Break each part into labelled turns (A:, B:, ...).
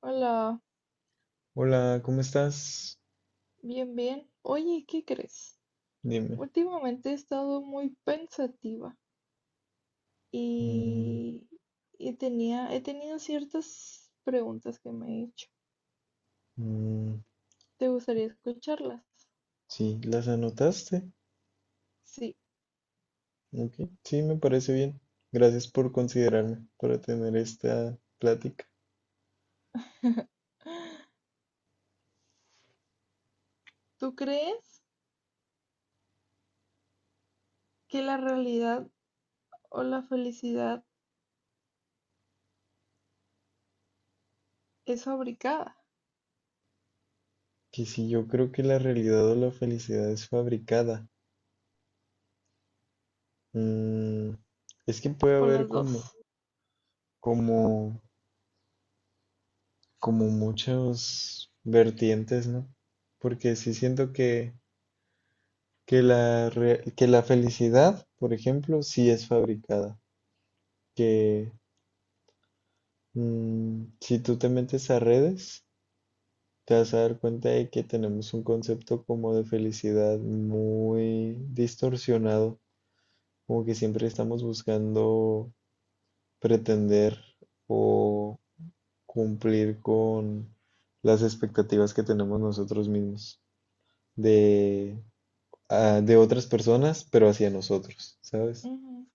A: Hola,
B: Hola, ¿cómo estás?
A: bien, bien. Oye, ¿qué crees?
B: Dime.
A: Últimamente he estado muy pensativa
B: Mm,
A: y, he tenido ciertas preguntas que me he hecho.
B: mm,
A: ¿Te gustaría escucharlas?
B: sí, ¿las anotaste?
A: Sí.
B: Ok, sí, me parece bien. Gracias por considerarme para tener esta plática.
A: ¿Tú crees que la realidad o la felicidad es fabricada?
B: Que si yo creo que la realidad o la felicidad es fabricada. Mm, es que puede
A: ¿O
B: haber
A: las dos?
B: como, como muchas vertientes, ¿no? Porque sí siento que, que la felicidad, por ejemplo, sí es fabricada. Que si tú te metes a redes, te vas a dar cuenta de que tenemos un concepto como de felicidad muy distorsionado, como que siempre estamos buscando pretender o cumplir con las expectativas que tenemos nosotros mismos de, de otras personas, pero hacia nosotros, ¿sabes?
A: Ujú.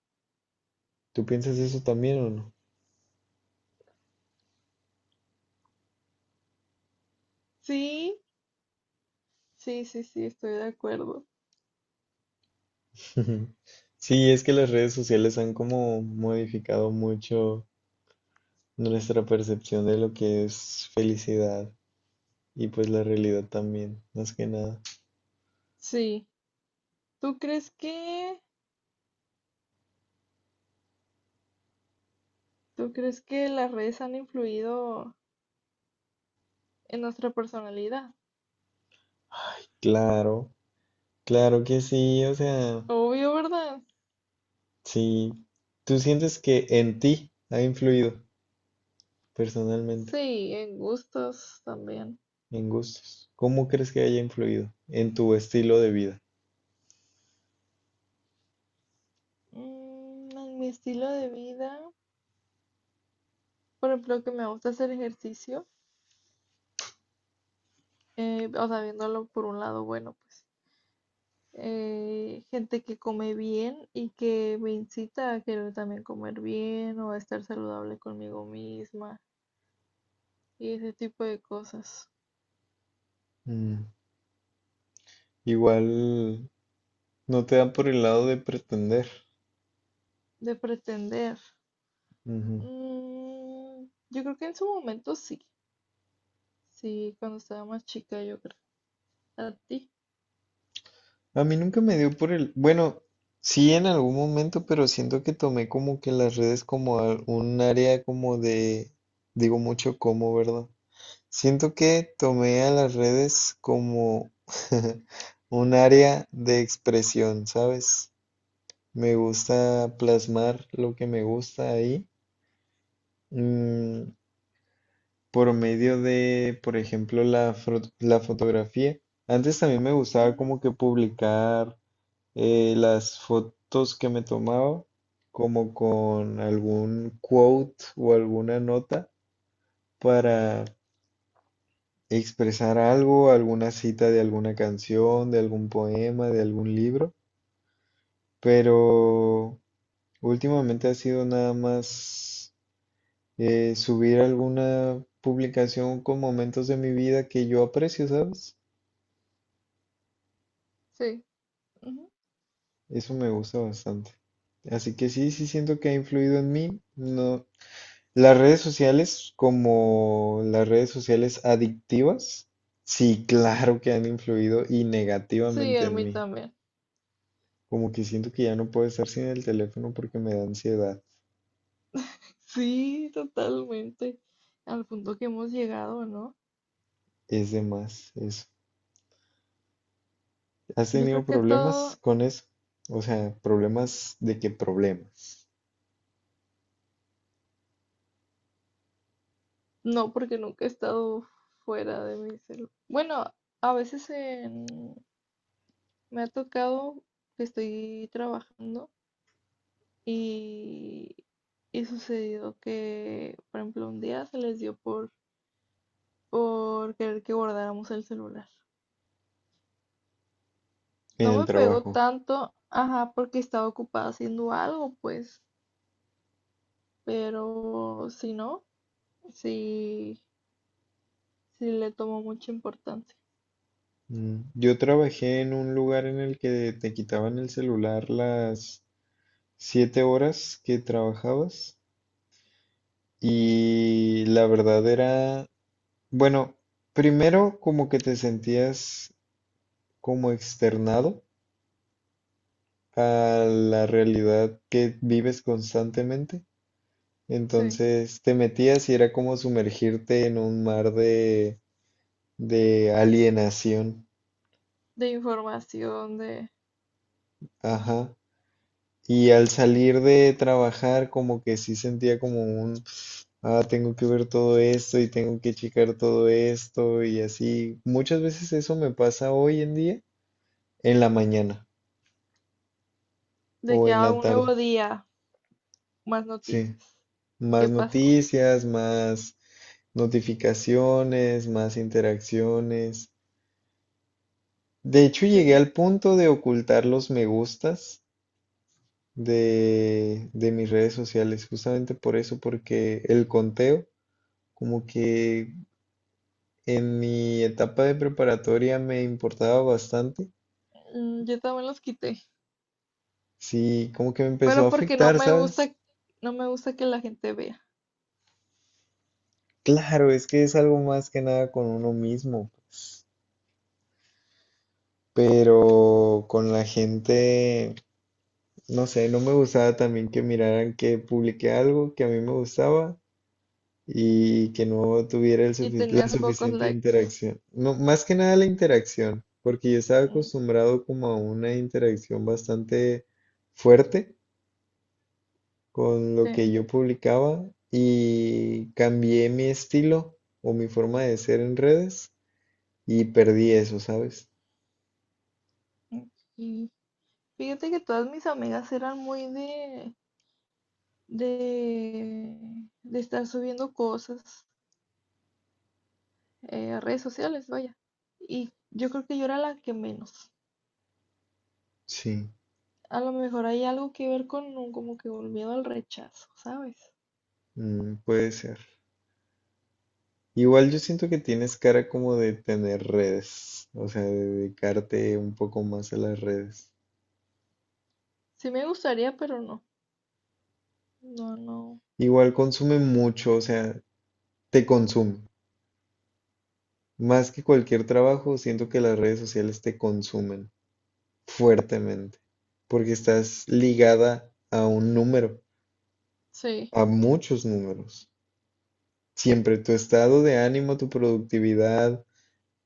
B: ¿Tú piensas eso también o no?
A: Sí, sí, sí, sí, estoy de acuerdo.
B: Sí, es que las redes sociales han como modificado mucho nuestra percepción de lo que es felicidad y pues la realidad también, más que nada.
A: Sí. ¿Tú crees que, ¿tú crees que las redes han influido? En nuestra personalidad.
B: Claro, claro que sí, o sea,
A: Obvio, ¿verdad?
B: sí, tú sientes que en ti ha influido personalmente,
A: Sí, en gustos también.
B: en gustos. ¿Cómo crees que haya influido en tu estilo de vida?
A: En mi estilo de vida, por ejemplo, que me gusta hacer ejercicio, o sea, viéndolo por un lado bueno, pues. Gente que come bien y que me incita a querer también comer bien o a estar saludable conmigo misma y ese tipo de cosas.
B: Mm, igual no te dan por el lado de pretender.
A: De pretender. Mm, yo creo que en su momento sí. Sí, cuando estaba más chica, yo creo. ¿A ti?
B: A mí nunca me dio por el, bueno, sí en algún momento, pero siento que tomé como que las redes como un área como de, digo mucho como, ¿verdad? Siento que tomé a las redes como un área de expresión, ¿sabes? Me gusta plasmar lo que me gusta ahí, mm, por medio de, por ejemplo, la fotografía. Antes también me gustaba
A: Ujú.
B: como que publicar las fotos que me tomaba, como con algún quote o alguna nota para expresar algo, alguna cita de alguna canción, de algún poema, de algún libro, pero últimamente ha sido nada más subir alguna publicación con momentos de mi vida que yo aprecio, ¿sabes?
A: Sí, ujú.
B: Eso me gusta bastante. Así que sí, sí siento que ha influido en mí. No, las redes sociales, como las redes sociales adictivas, sí, claro que han influido y
A: Sí,
B: negativamente
A: a
B: en
A: mí
B: mí.
A: también.
B: Como que siento que ya no puedo estar sin el teléfono porque me da ansiedad.
A: Sí, totalmente. Al punto que hemos llegado, ¿no?
B: Es de más eso. ¿Has
A: Yo
B: tenido
A: creo que
B: problemas
A: todo,
B: con eso? O sea, problemas de qué problemas
A: no, porque nunca he estado fuera de mi celular. Bueno, a veces me ha tocado que estoy trabajando y, y sucedió que, por ejemplo, un día se les dio por querer que guardáramos el celular.
B: en
A: No
B: el
A: me pegó
B: trabajo.
A: tanto, ajá, porque estaba ocupada haciendo algo, pues. Pero si no, sí, sí le tomo mucha importancia.
B: Mm, yo trabajé en un lugar en el que te quitaban el celular las 7 horas que trabajabas y la verdad era, bueno, primero como que te sentías como externado a la realidad que vives constantemente.
A: Sí,
B: Entonces te metías y era como sumergirte en un mar de alienación.
A: de información,
B: Ajá. Y al salir de trabajar como que sí sentía como un, tengo que ver todo esto y tengo que checar todo esto y así. Muchas veces eso me pasa hoy en día en la mañana
A: de
B: o
A: que
B: en
A: haga
B: la
A: un
B: tarde.
A: nuevo día, más
B: Sí.
A: noticias.
B: Más
A: ¿Qué pasó?
B: noticias, más notificaciones, más interacciones. De hecho, llegué
A: Sí.
B: al punto de ocultar los me gustas de mis redes sociales, justamente por eso, porque el conteo, como que en mi etapa de preparatoria me importaba bastante.
A: Yo también los quité,
B: Sí, como que me empezó a
A: pero porque no
B: afectar,
A: me
B: ¿sabes?
A: gusta, no me gusta que la gente vea.
B: Claro, es que es algo más que nada con uno mismo, pero con la gente no sé, no me gustaba también que miraran que publiqué algo que a mí me gustaba y que no tuviera
A: Y
B: la
A: tenías pocos
B: suficiente
A: likes.
B: interacción. No, más que nada la interacción, porque yo estaba
A: Mm,
B: acostumbrado como a una interacción bastante fuerte con lo que
A: ok,
B: yo publicaba y cambié mi estilo o mi forma de ser en redes y perdí eso, ¿sabes?
A: mm, y Fíjate que todas mis amigas eran muy de, de estar subiendo cosas a redes sociales, vaya. Y yo creo que yo era la que menos.
B: Sí,
A: A lo mejor hay algo que ver con un, como que un miedo al rechazo, ¿sabes?
B: puede ser. Igual yo siento que tienes cara como de tener redes, o sea, de dedicarte un poco más a las redes.
A: Sí me gustaría, pero no. No, no.
B: Igual consume mucho, o sea, te consume. Más que cualquier trabajo, siento que las redes sociales te consumen fuertemente, porque estás ligada a un número,
A: Sí,
B: a muchos números. Siempre tu estado de ánimo, tu productividad,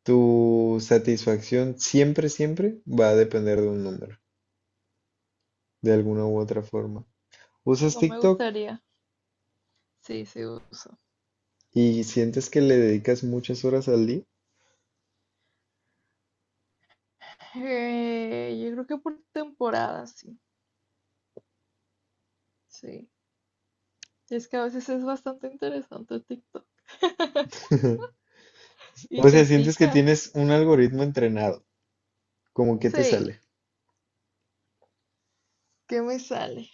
B: tu satisfacción, siempre, siempre va a depender de un número, de alguna u otra forma. ¿Usas
A: no me
B: TikTok?
A: gustaría. Sí, sí uso.
B: ¿Y sientes que le dedicas muchas horas al día?
A: Yo creo que por temporada, sí. Sí. Es que a veces es bastante interesante TikTok. Y
B: O sea,
A: te
B: sientes que
A: pica.
B: tienes un algoritmo entrenado, como que te
A: Sí,
B: sale.
A: ¿qué me sale?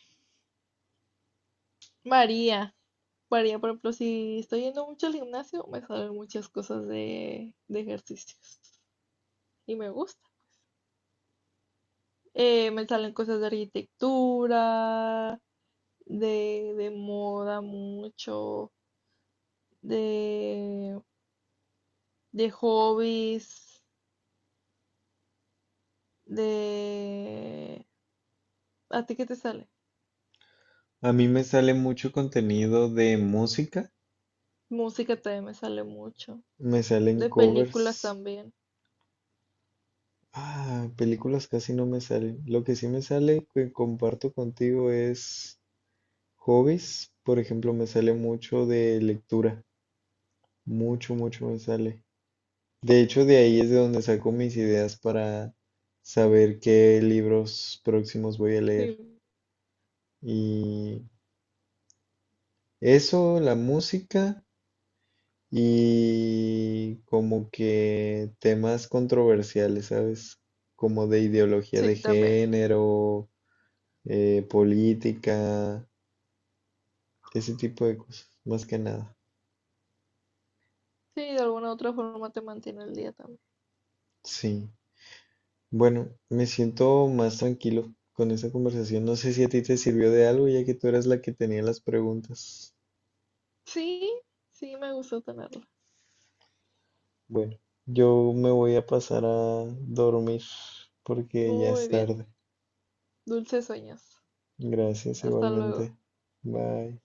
A: María. Varía, por ejemplo, si estoy yendo mucho al gimnasio, me salen muchas cosas de ejercicios y me gusta. Me salen cosas de arquitectura, de moda mucho, de, de hobbies, de... ¿A ti qué te sale?
B: A
A: Ah,
B: mí
A: me
B: me
A: sa-
B: sale mucho contenido de música,
A: Música también me sale mucho,
B: me salen
A: de
B: covers.
A: películas también.
B: Ah, películas casi no me salen. Lo que sí me sale que comparto contigo es hobbies. Por ejemplo, me sale mucho de lectura. Mucho, mucho me sale. De hecho, de ahí es de donde saco mis ideas para saber qué libros próximos voy a
A: Sí,
B: leer. Y eso, la música y como que temas controversiales, ¿sabes? Como de ideología de
A: sí, también.
B: género, política, ese tipo de cosas, más que nada.
A: Sí, de alguna otra forma te mantiene el día también.
B: Sí. Bueno, me siento más tranquilo con esa conversación. No sé si a ti te sirvió de algo, ya que tú eras la que tenía las preguntas.
A: Sí, sí, me gustó tenerlo.
B: Bueno, yo me voy a pasar a dormir porque ya es
A: Muy bien.
B: tarde.
A: Dulces sueños.
B: Gracias
A: Hasta luego.
B: igualmente. Bye.